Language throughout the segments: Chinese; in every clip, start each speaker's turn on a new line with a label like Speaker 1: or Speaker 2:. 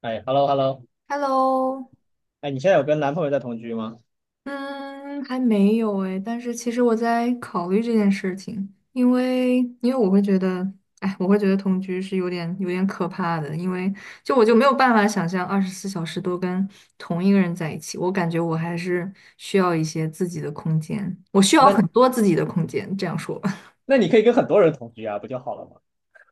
Speaker 1: 哎，hello hello，
Speaker 2: Hello，
Speaker 1: 哎，你现在有跟男朋友在同居吗？
Speaker 2: 嗯，还没有哎，但是其实我在考虑这件事情，因为我会觉得，哎，我会觉得同居是有点可怕的，因为我就没有办法想象24小时都跟同一个人在一起，我感觉我还是需要一些自己的空间，我需要很
Speaker 1: 那
Speaker 2: 多自己的空间，这样说吧。
Speaker 1: 那你可以跟很多人同居啊，不就好了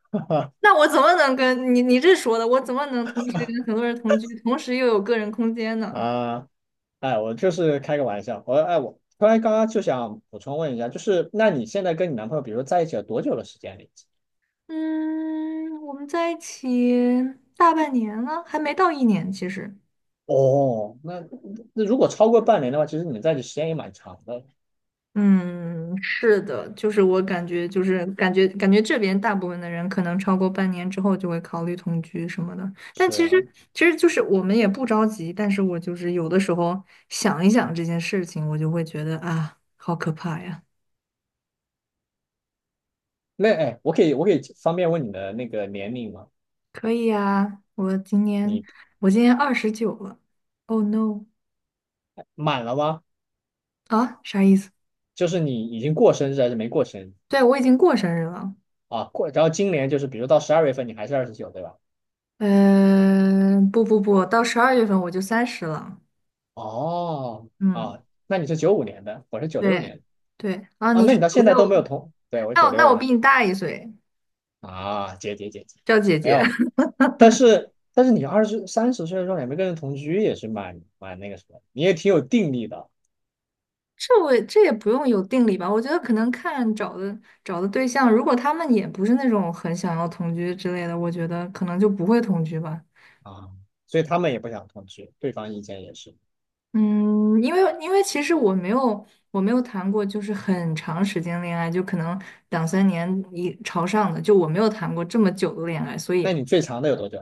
Speaker 1: 吗？
Speaker 2: 那我怎么能跟你这说的，我怎么能同时跟很多人同居，同时又有个人空间呢？
Speaker 1: 啊，哎，我就是开个玩笑，我突然刚刚就想补充问一下，就是那你现在跟你男朋友，比如说在一起了多久的时间了已经？
Speaker 2: 嗯，我们在一起大半年了，还没到一年，其实。
Speaker 1: 哦，那如果超过半年的话，其实你们在一起时间也蛮长的。
Speaker 2: 嗯，是的，就是我感觉，感觉这边大部分的人可能超过半年之后就会考虑同居什么的。但
Speaker 1: 是
Speaker 2: 其实，
Speaker 1: 啊，
Speaker 2: 其实就是我们也不着急，但是我就是有的时候想一想这件事情，我就会觉得啊，好可怕呀！
Speaker 1: 那哎，我可以方便问你的那个年龄吗？
Speaker 2: 可以呀，我今年
Speaker 1: 你
Speaker 2: 我今年29了。Oh no！
Speaker 1: 满了吗？
Speaker 2: 啊，啥意思？
Speaker 1: 就是你已经过生日还是没过生日？
Speaker 2: 对，我已经过生日了。
Speaker 1: 啊？过，然后今年就是比如到12月份你还是29，对吧？
Speaker 2: 嗯，不不不，到12月份我就30了。
Speaker 1: 哦，
Speaker 2: 嗯，
Speaker 1: 哦，那你是95年的，我是九六
Speaker 2: 对
Speaker 1: 年的。
Speaker 2: 对，啊，
Speaker 1: 啊，
Speaker 2: 你
Speaker 1: 那你
Speaker 2: 是
Speaker 1: 到
Speaker 2: 九
Speaker 1: 现在都没有
Speaker 2: 六，
Speaker 1: 同，对，我
Speaker 2: 那
Speaker 1: 九
Speaker 2: 我那
Speaker 1: 六
Speaker 2: 我比
Speaker 1: 的。
Speaker 2: 你大一岁，
Speaker 1: 啊，姐姐姐姐，
Speaker 2: 叫姐
Speaker 1: 没
Speaker 2: 姐。
Speaker 1: 有。但是你二十三十岁的时候也没跟人同居，也是蛮那个什么，你也挺有定力的
Speaker 2: 这也不用有定理吧？我觉得可能看找的对象，如果他们也不是那种很想要同居之类的，我觉得可能就不会同居吧。
Speaker 1: 啊。所以他们也不想同居，对方意见也是。
Speaker 2: 嗯，因为其实我没有谈过就是很长时间恋爱，就可能两三年一朝上的，就我没有谈过这么久的恋爱，所以。
Speaker 1: 那你最长的有多久？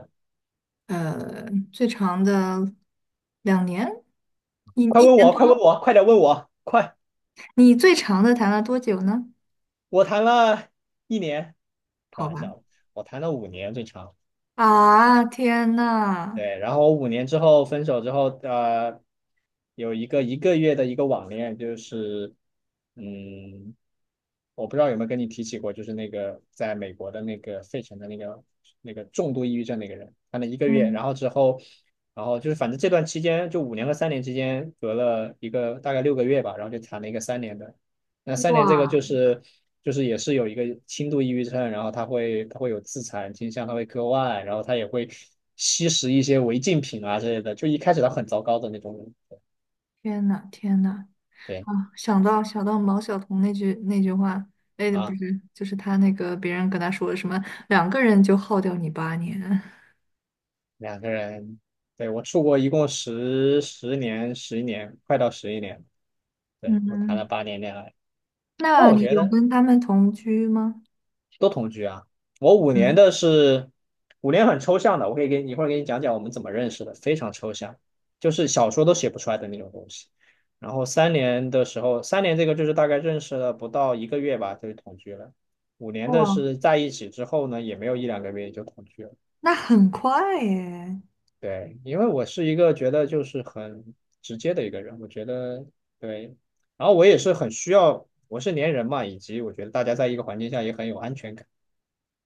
Speaker 2: 呃，最长的2年，你
Speaker 1: 快
Speaker 2: 一
Speaker 1: 问
Speaker 2: 年
Speaker 1: 我，快问
Speaker 2: 多，
Speaker 1: 我，快点问我，快！
Speaker 2: 你最长的谈了多久呢？
Speaker 1: 我谈了一年，开
Speaker 2: 好
Speaker 1: 玩
Speaker 2: 吧，
Speaker 1: 笑的，我谈了五年最长。
Speaker 2: 啊，天呐，
Speaker 1: 对，然后我五年之后分手之后，有一个一个月的一个网恋，就是，嗯，我不知道有没有跟你提起过，就是那个在美国的那个费城的那个重度抑郁症那个人，他那一个月，然
Speaker 2: 嗯，
Speaker 1: 后之后，然后就是反正这段期间，就五年和三年之间隔了一个大概6个月吧，然后就谈了一个三年的。那三年这个
Speaker 2: 哇，
Speaker 1: 就是也是有一个轻度抑郁症，然后他会有自残倾向，他会割腕，然后他也会吸食一些违禁品啊之类的。就一开始他很糟糕的那种人，
Speaker 2: 天呐，天呐，
Speaker 1: 对
Speaker 2: 啊，想到毛晓彤那句话，哎，不
Speaker 1: 啊。
Speaker 2: 是，就是他那个别人跟他说什么，两个人就耗掉你8年，
Speaker 1: 两个人，对，我出国一共10年，十一年，快到十一年了。对，我谈了
Speaker 2: 嗯，
Speaker 1: 8年恋爱，那
Speaker 2: 那
Speaker 1: 我
Speaker 2: 你
Speaker 1: 觉
Speaker 2: 有
Speaker 1: 得
Speaker 2: 跟他们同居吗？
Speaker 1: 都同居啊。我五年
Speaker 2: 嗯，
Speaker 1: 的是五年很抽象的，我可以给你一会儿给你讲讲我们怎么认识的，非常抽象，就是小说都写不出来的那种东西。然后三年的时候，三年这个就是大概认识了不到一个月吧，就同居了。五年的
Speaker 2: 哇，
Speaker 1: 是在一起之后呢，也没有一两个月就同居了。
Speaker 2: 那很快耶。
Speaker 1: 对，因为我是一个觉得就是很直接的一个人，我觉得对，然后我也是很需要，我是粘人嘛，以及我觉得大家在一个环境下也很有安全感。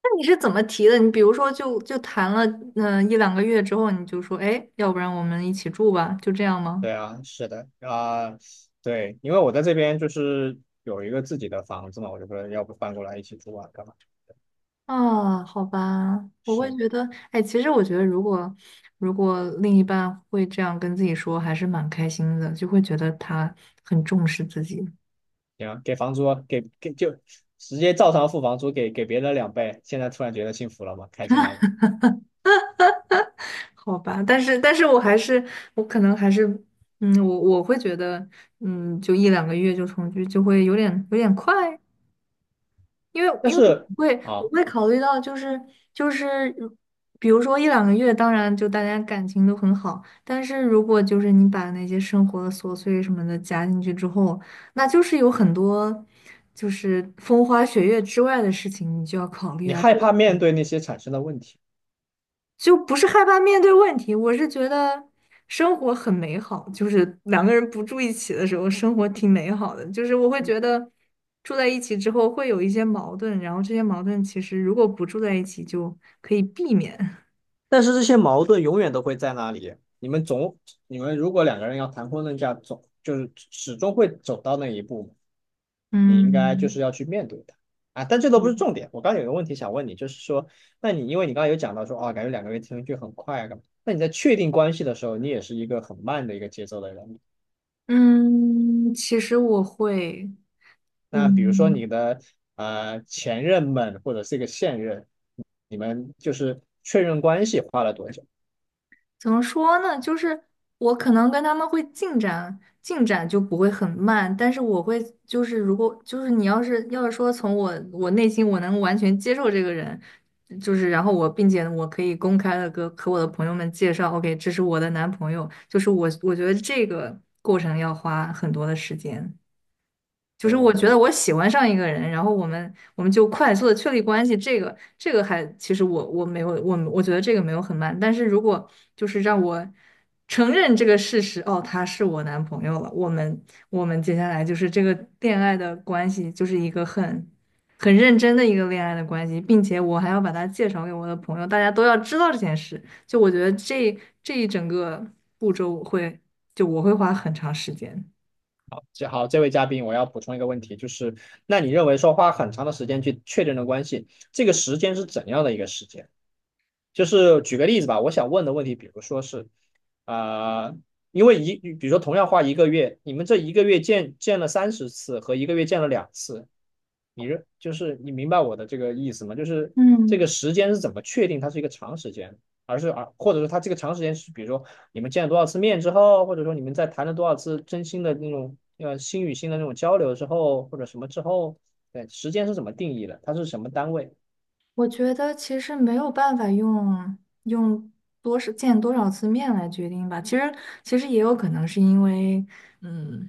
Speaker 2: 那你是怎么提的？你比如说就谈了一两个月之后，你就说，哎，要不然我们一起住吧，就这样吗？
Speaker 1: 对啊，是的啊，对，因为我在这边就是有一个自己的房子嘛，我就说要不搬过来一起住啊，干嘛？
Speaker 2: 啊，好吧，我会
Speaker 1: 是，
Speaker 2: 觉得，哎，其实我觉得，如果另一半会这样跟自己说，还是蛮开心的，就会觉得他很重视自己，
Speaker 1: 行，给房租，给就直接照常付房租，给别人2倍，现在突然觉得幸福了吗？开心了吗？
Speaker 2: 好吧？但是我还是，我可能还是，嗯，我会觉得，嗯，就一两个月就重聚，就会有点快，因为
Speaker 1: 但
Speaker 2: 因为
Speaker 1: 是
Speaker 2: 我会我
Speaker 1: 啊，
Speaker 2: 会考虑到就是就是如比如说一两个月，当然就大家感情都很好，但是如果就是你把那些生活的琐碎什么的加进去之后，那就是有很多就是风花雪月之外的事情，你就要考虑
Speaker 1: 你
Speaker 2: 啊。
Speaker 1: 害怕面对那些产生的问题。
Speaker 2: 就不是害怕面对问题，我是觉得生活很美好，就是两个人不住一起的时候，生活挺美好的。就是我会觉得住在一起之后会有一些矛盾，然后这些矛盾其实如果不住在一起就可以避免。
Speaker 1: 但是这些矛盾永远都会在那里。你们总，你们如果两个人要谈婚论嫁，总就是始终会走到那一步，你应该就
Speaker 2: 嗯
Speaker 1: 是要去面对它啊。但这都不是重点。我刚刚有个问题想问你，就是说，那你因为你刚刚有讲到说，哦，感觉两个人听上去很快啊，干嘛？那你在确定关系的时候，你也是一个很慢的一个节奏的人。
Speaker 2: 嗯，其实我会，
Speaker 1: 那比如说
Speaker 2: 嗯。
Speaker 1: 你的前任们或者是一个现任，你们就是确认关系花了多久？
Speaker 2: 怎么说呢？就是我可能跟他们会进展就不会很慢，但是我会就是如果就是你要是说从我内心我能完全接受这个人，就是然后我并且我可以公开的跟和我的朋友们介绍，OK，这是我的男朋友，就是我觉得这个过程要花很多的时间。就是我觉得
Speaker 1: 哦，
Speaker 2: 我喜欢上一个人，然后我们就快速的确立关系，这个还其实我觉得这个没有很慢，但是如果就是让我承认这个事实，哦，他是我男朋友了，我们接下来就是这个恋爱的关系就是一个很认真的一个恋爱的关系，并且我还要把他介绍给我的朋友，大家都要知道这件事，就我觉得这一整个步骤我会花很长时间。
Speaker 1: 这好，这位嘉宾，我要补充一个问题，就是那你认为说花很长的时间去确认的关系，这个时间是怎样的一个时间？就是举个例子吧，我想问的问题，比如说是，啊、因为一，比如说同样花一个月，你们这一个月见了30次和一个月见了2次，就是你明白我的这个意思吗？就是这
Speaker 2: 嗯，
Speaker 1: 个时间是怎么确定它是一个长时间，而是啊，或者说它这个长时间是比如说你们见了多少次面之后，或者说你们在谈了多少次真心的那种心与心的那种交流之后，或者什么之后，对，时间是怎么定义的？它是什么单位？
Speaker 2: 我觉得其实没有办法用多少见多少次面来决定吧。其实也有可能是因为，嗯，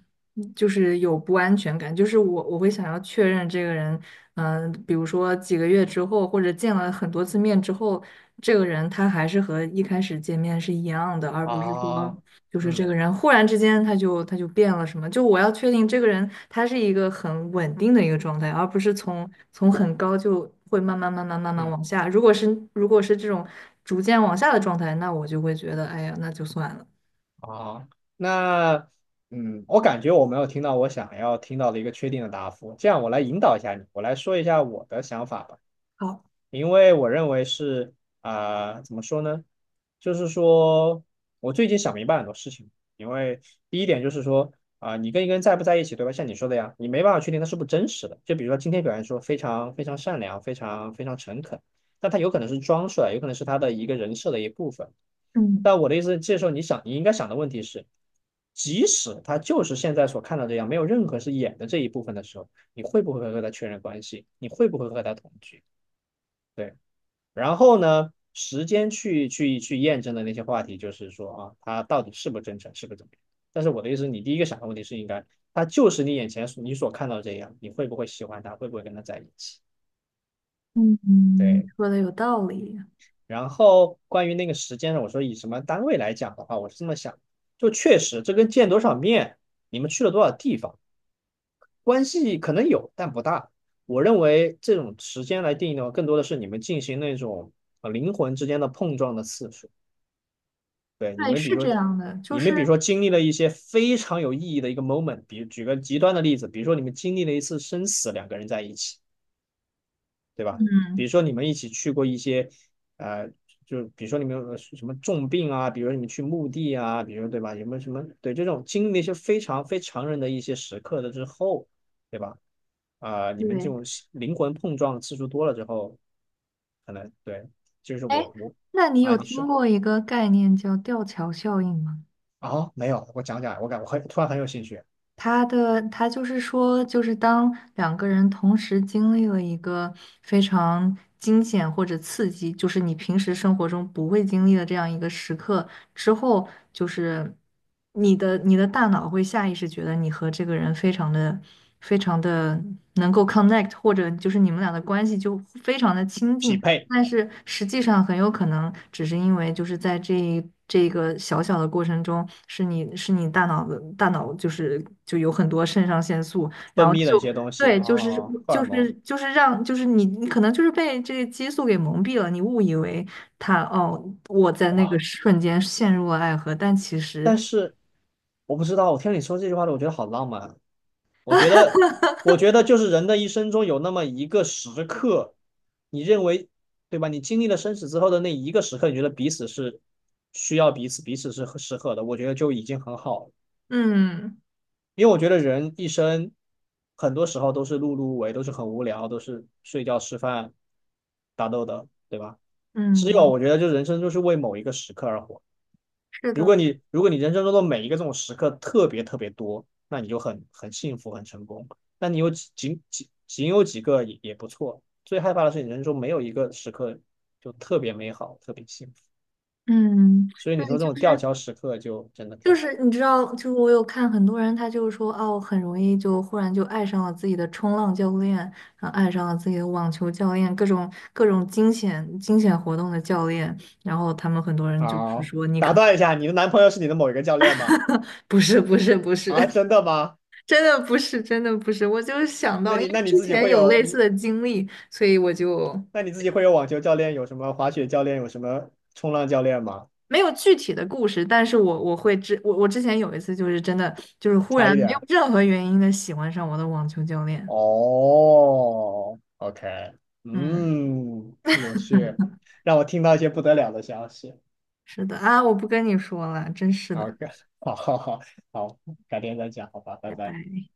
Speaker 2: 就是有不安全感，就是我会想要确认这个人，比如说几个月之后，或者见了很多次面之后，这个人他还是和一开始见面是一样的，而不是说
Speaker 1: 啊，
Speaker 2: 就是这
Speaker 1: 嗯
Speaker 2: 个人忽然之间他就变了什么？就我要确定这个人他是一个很稳定的一个状态，而不是从很高就会慢慢慢慢慢慢
Speaker 1: 嗯。
Speaker 2: 往下。如果是这种逐渐往下的状态，那我就会觉得，哎呀，那就算了。
Speaker 1: 啊，那嗯，我感觉我没有听到我想要听到的一个确定的答复，这样我来引导一下你，我来说一下我的想法吧。
Speaker 2: 好，
Speaker 1: 因为我认为是怎么说呢？就是说我最近想明白很多事情。因为第一点就是说，你跟一个人在不在一起，对吧？像你说的呀，你没办法确定他是不是真实的。就比如说今天表现说非常非常善良、非常非常诚恳，但他有可能是装出来，有可能是他的一个人设的一部分。
Speaker 2: 嗯
Speaker 1: 但我的意思，这时候你想，你应该想的问题是，即使他就是现在所看到这样，没有任何是演的这一部分的时候，你会不会和他确认关系？你会不会和他同居？对。然后呢，时间去验证的那些话题，就是说啊，他到底是不真诚，是不怎么样。但是我的意思，你第一个想的问题是应该，他就是你眼前你所看到这样，你会不会喜欢他，会不会跟他在一起？
Speaker 2: 嗯，嗯，
Speaker 1: 对。
Speaker 2: 说的有道理，
Speaker 1: 然后关于那个时间呢，我说以什么单位来讲的话，我是这么想，就确实这跟见多少面，你们去了多少地方，关系可能有，但不大。我认为这种时间来定义的话，更多的是你们进行那种灵魂之间的碰撞的次数。对，你
Speaker 2: 对，
Speaker 1: 们比
Speaker 2: 是
Speaker 1: 如
Speaker 2: 这
Speaker 1: 说，
Speaker 2: 样的，就
Speaker 1: 你
Speaker 2: 是
Speaker 1: 们比如说经历了一些非常有意义的一个 moment，比举个极端的例子，比如说你们经历了一次生死，两个人在一起，对吧？比
Speaker 2: 嗯，
Speaker 1: 如说你们一起去过一些，呃，就比如说你们有什么重病啊，比如说你们去墓地啊，比如说对吧？有没有什么对这种经历了一些非常非常人的一些时刻的之后，对吧？你们这
Speaker 2: 对，
Speaker 1: 种灵魂碰撞次数多了之后，可能对，就是
Speaker 2: 哎，
Speaker 1: 我
Speaker 2: 那你
Speaker 1: 啊，
Speaker 2: 有
Speaker 1: 你说。
Speaker 2: 听过一个概念叫吊桥效应吗？
Speaker 1: 啊，没有，我讲讲，我很突然很有兴趣。
Speaker 2: 他就是说，就是当两个人同时经历了一个非常惊险或者刺激，就是你平时生活中不会经历的这样一个时刻之后，就是你的大脑会下意识觉得你和这个人非常的能够 connect，或者就是你们俩的关系就非常的亲
Speaker 1: 匹
Speaker 2: 近，
Speaker 1: 配
Speaker 2: 但是实际上很有可能只是因为就是在这个小小的过程中，是你大脑就有很多肾上腺素，然
Speaker 1: 分
Speaker 2: 后
Speaker 1: 泌的一
Speaker 2: 就
Speaker 1: 些东西啊，
Speaker 2: 对，就是
Speaker 1: 哦荷尔
Speaker 2: 就是
Speaker 1: 蒙
Speaker 2: 就是让就是你可能就是被这个激素给蒙蔽了，你误以为他哦我在那个
Speaker 1: 哇。
Speaker 2: 瞬间陷入了爱河，但其实，
Speaker 1: 但是我不知道，我听你说这句话的，我觉得好浪漫啊。我觉得，我觉得就是人的一生中有那么一个时刻，你认为对吧？你经历了生死之后的那一个时刻，你觉得彼此是需要彼此，彼此是适合的，我觉得就已经很好了。
Speaker 2: 嗯
Speaker 1: 因为我觉得人一生很多时候都是碌碌无为，都是很无聊，都是睡觉、吃饭、打斗的，对吧？只有
Speaker 2: 嗯，
Speaker 1: 我觉得，就人生就是为某一个时刻而活。
Speaker 2: 是
Speaker 1: 如
Speaker 2: 的。
Speaker 1: 果你人生中的每一个这种时刻特别特别多，那你就很幸福很成功。那你有几仅仅仅有几个也也不错。最害怕的是你人生中没有一个时刻就特别美好，特别幸福。
Speaker 2: 嗯，
Speaker 1: 所以
Speaker 2: 对，
Speaker 1: 你说这
Speaker 2: 就
Speaker 1: 种吊
Speaker 2: 是
Speaker 1: 桥时刻就真的
Speaker 2: 就
Speaker 1: 天
Speaker 2: 是你知道，就是我有看很多人，他就是说，哦，很容易就忽然就爱上了自己的冲浪教练，然后爱上了自己的网球教练，各种惊险活动的教练，然后他们很多人就是
Speaker 1: 啊！
Speaker 2: 说，你
Speaker 1: 打
Speaker 2: 可
Speaker 1: 断一下，你的男朋友是你的某一个教练吗？
Speaker 2: 能不是不是不是，
Speaker 1: 啊，真的吗？
Speaker 2: 真的不是真的不是，我就是想
Speaker 1: 那
Speaker 2: 到，因
Speaker 1: 你
Speaker 2: 为
Speaker 1: 那你
Speaker 2: 之
Speaker 1: 自己
Speaker 2: 前
Speaker 1: 会
Speaker 2: 有
Speaker 1: 有
Speaker 2: 类似
Speaker 1: 你
Speaker 2: 的经历，所以我就
Speaker 1: 那你自己会有网球教练，有什么滑雪教练，有什么冲浪教练吗？
Speaker 2: 没有具体的故事，但是我之前有一次就是真的就是忽
Speaker 1: 差一
Speaker 2: 然没有
Speaker 1: 点。
Speaker 2: 任何原因的喜欢上我的网球教练，
Speaker 1: 哦，OK，
Speaker 2: 嗯。
Speaker 1: 嗯，有趣，让我听到一些不得了的消息。
Speaker 2: 是的啊，我不跟你说了，真是
Speaker 1: 好，
Speaker 2: 的，
Speaker 1: 好，好，好，好，改天再讲，好吧，拜
Speaker 2: 拜
Speaker 1: 拜。
Speaker 2: 拜。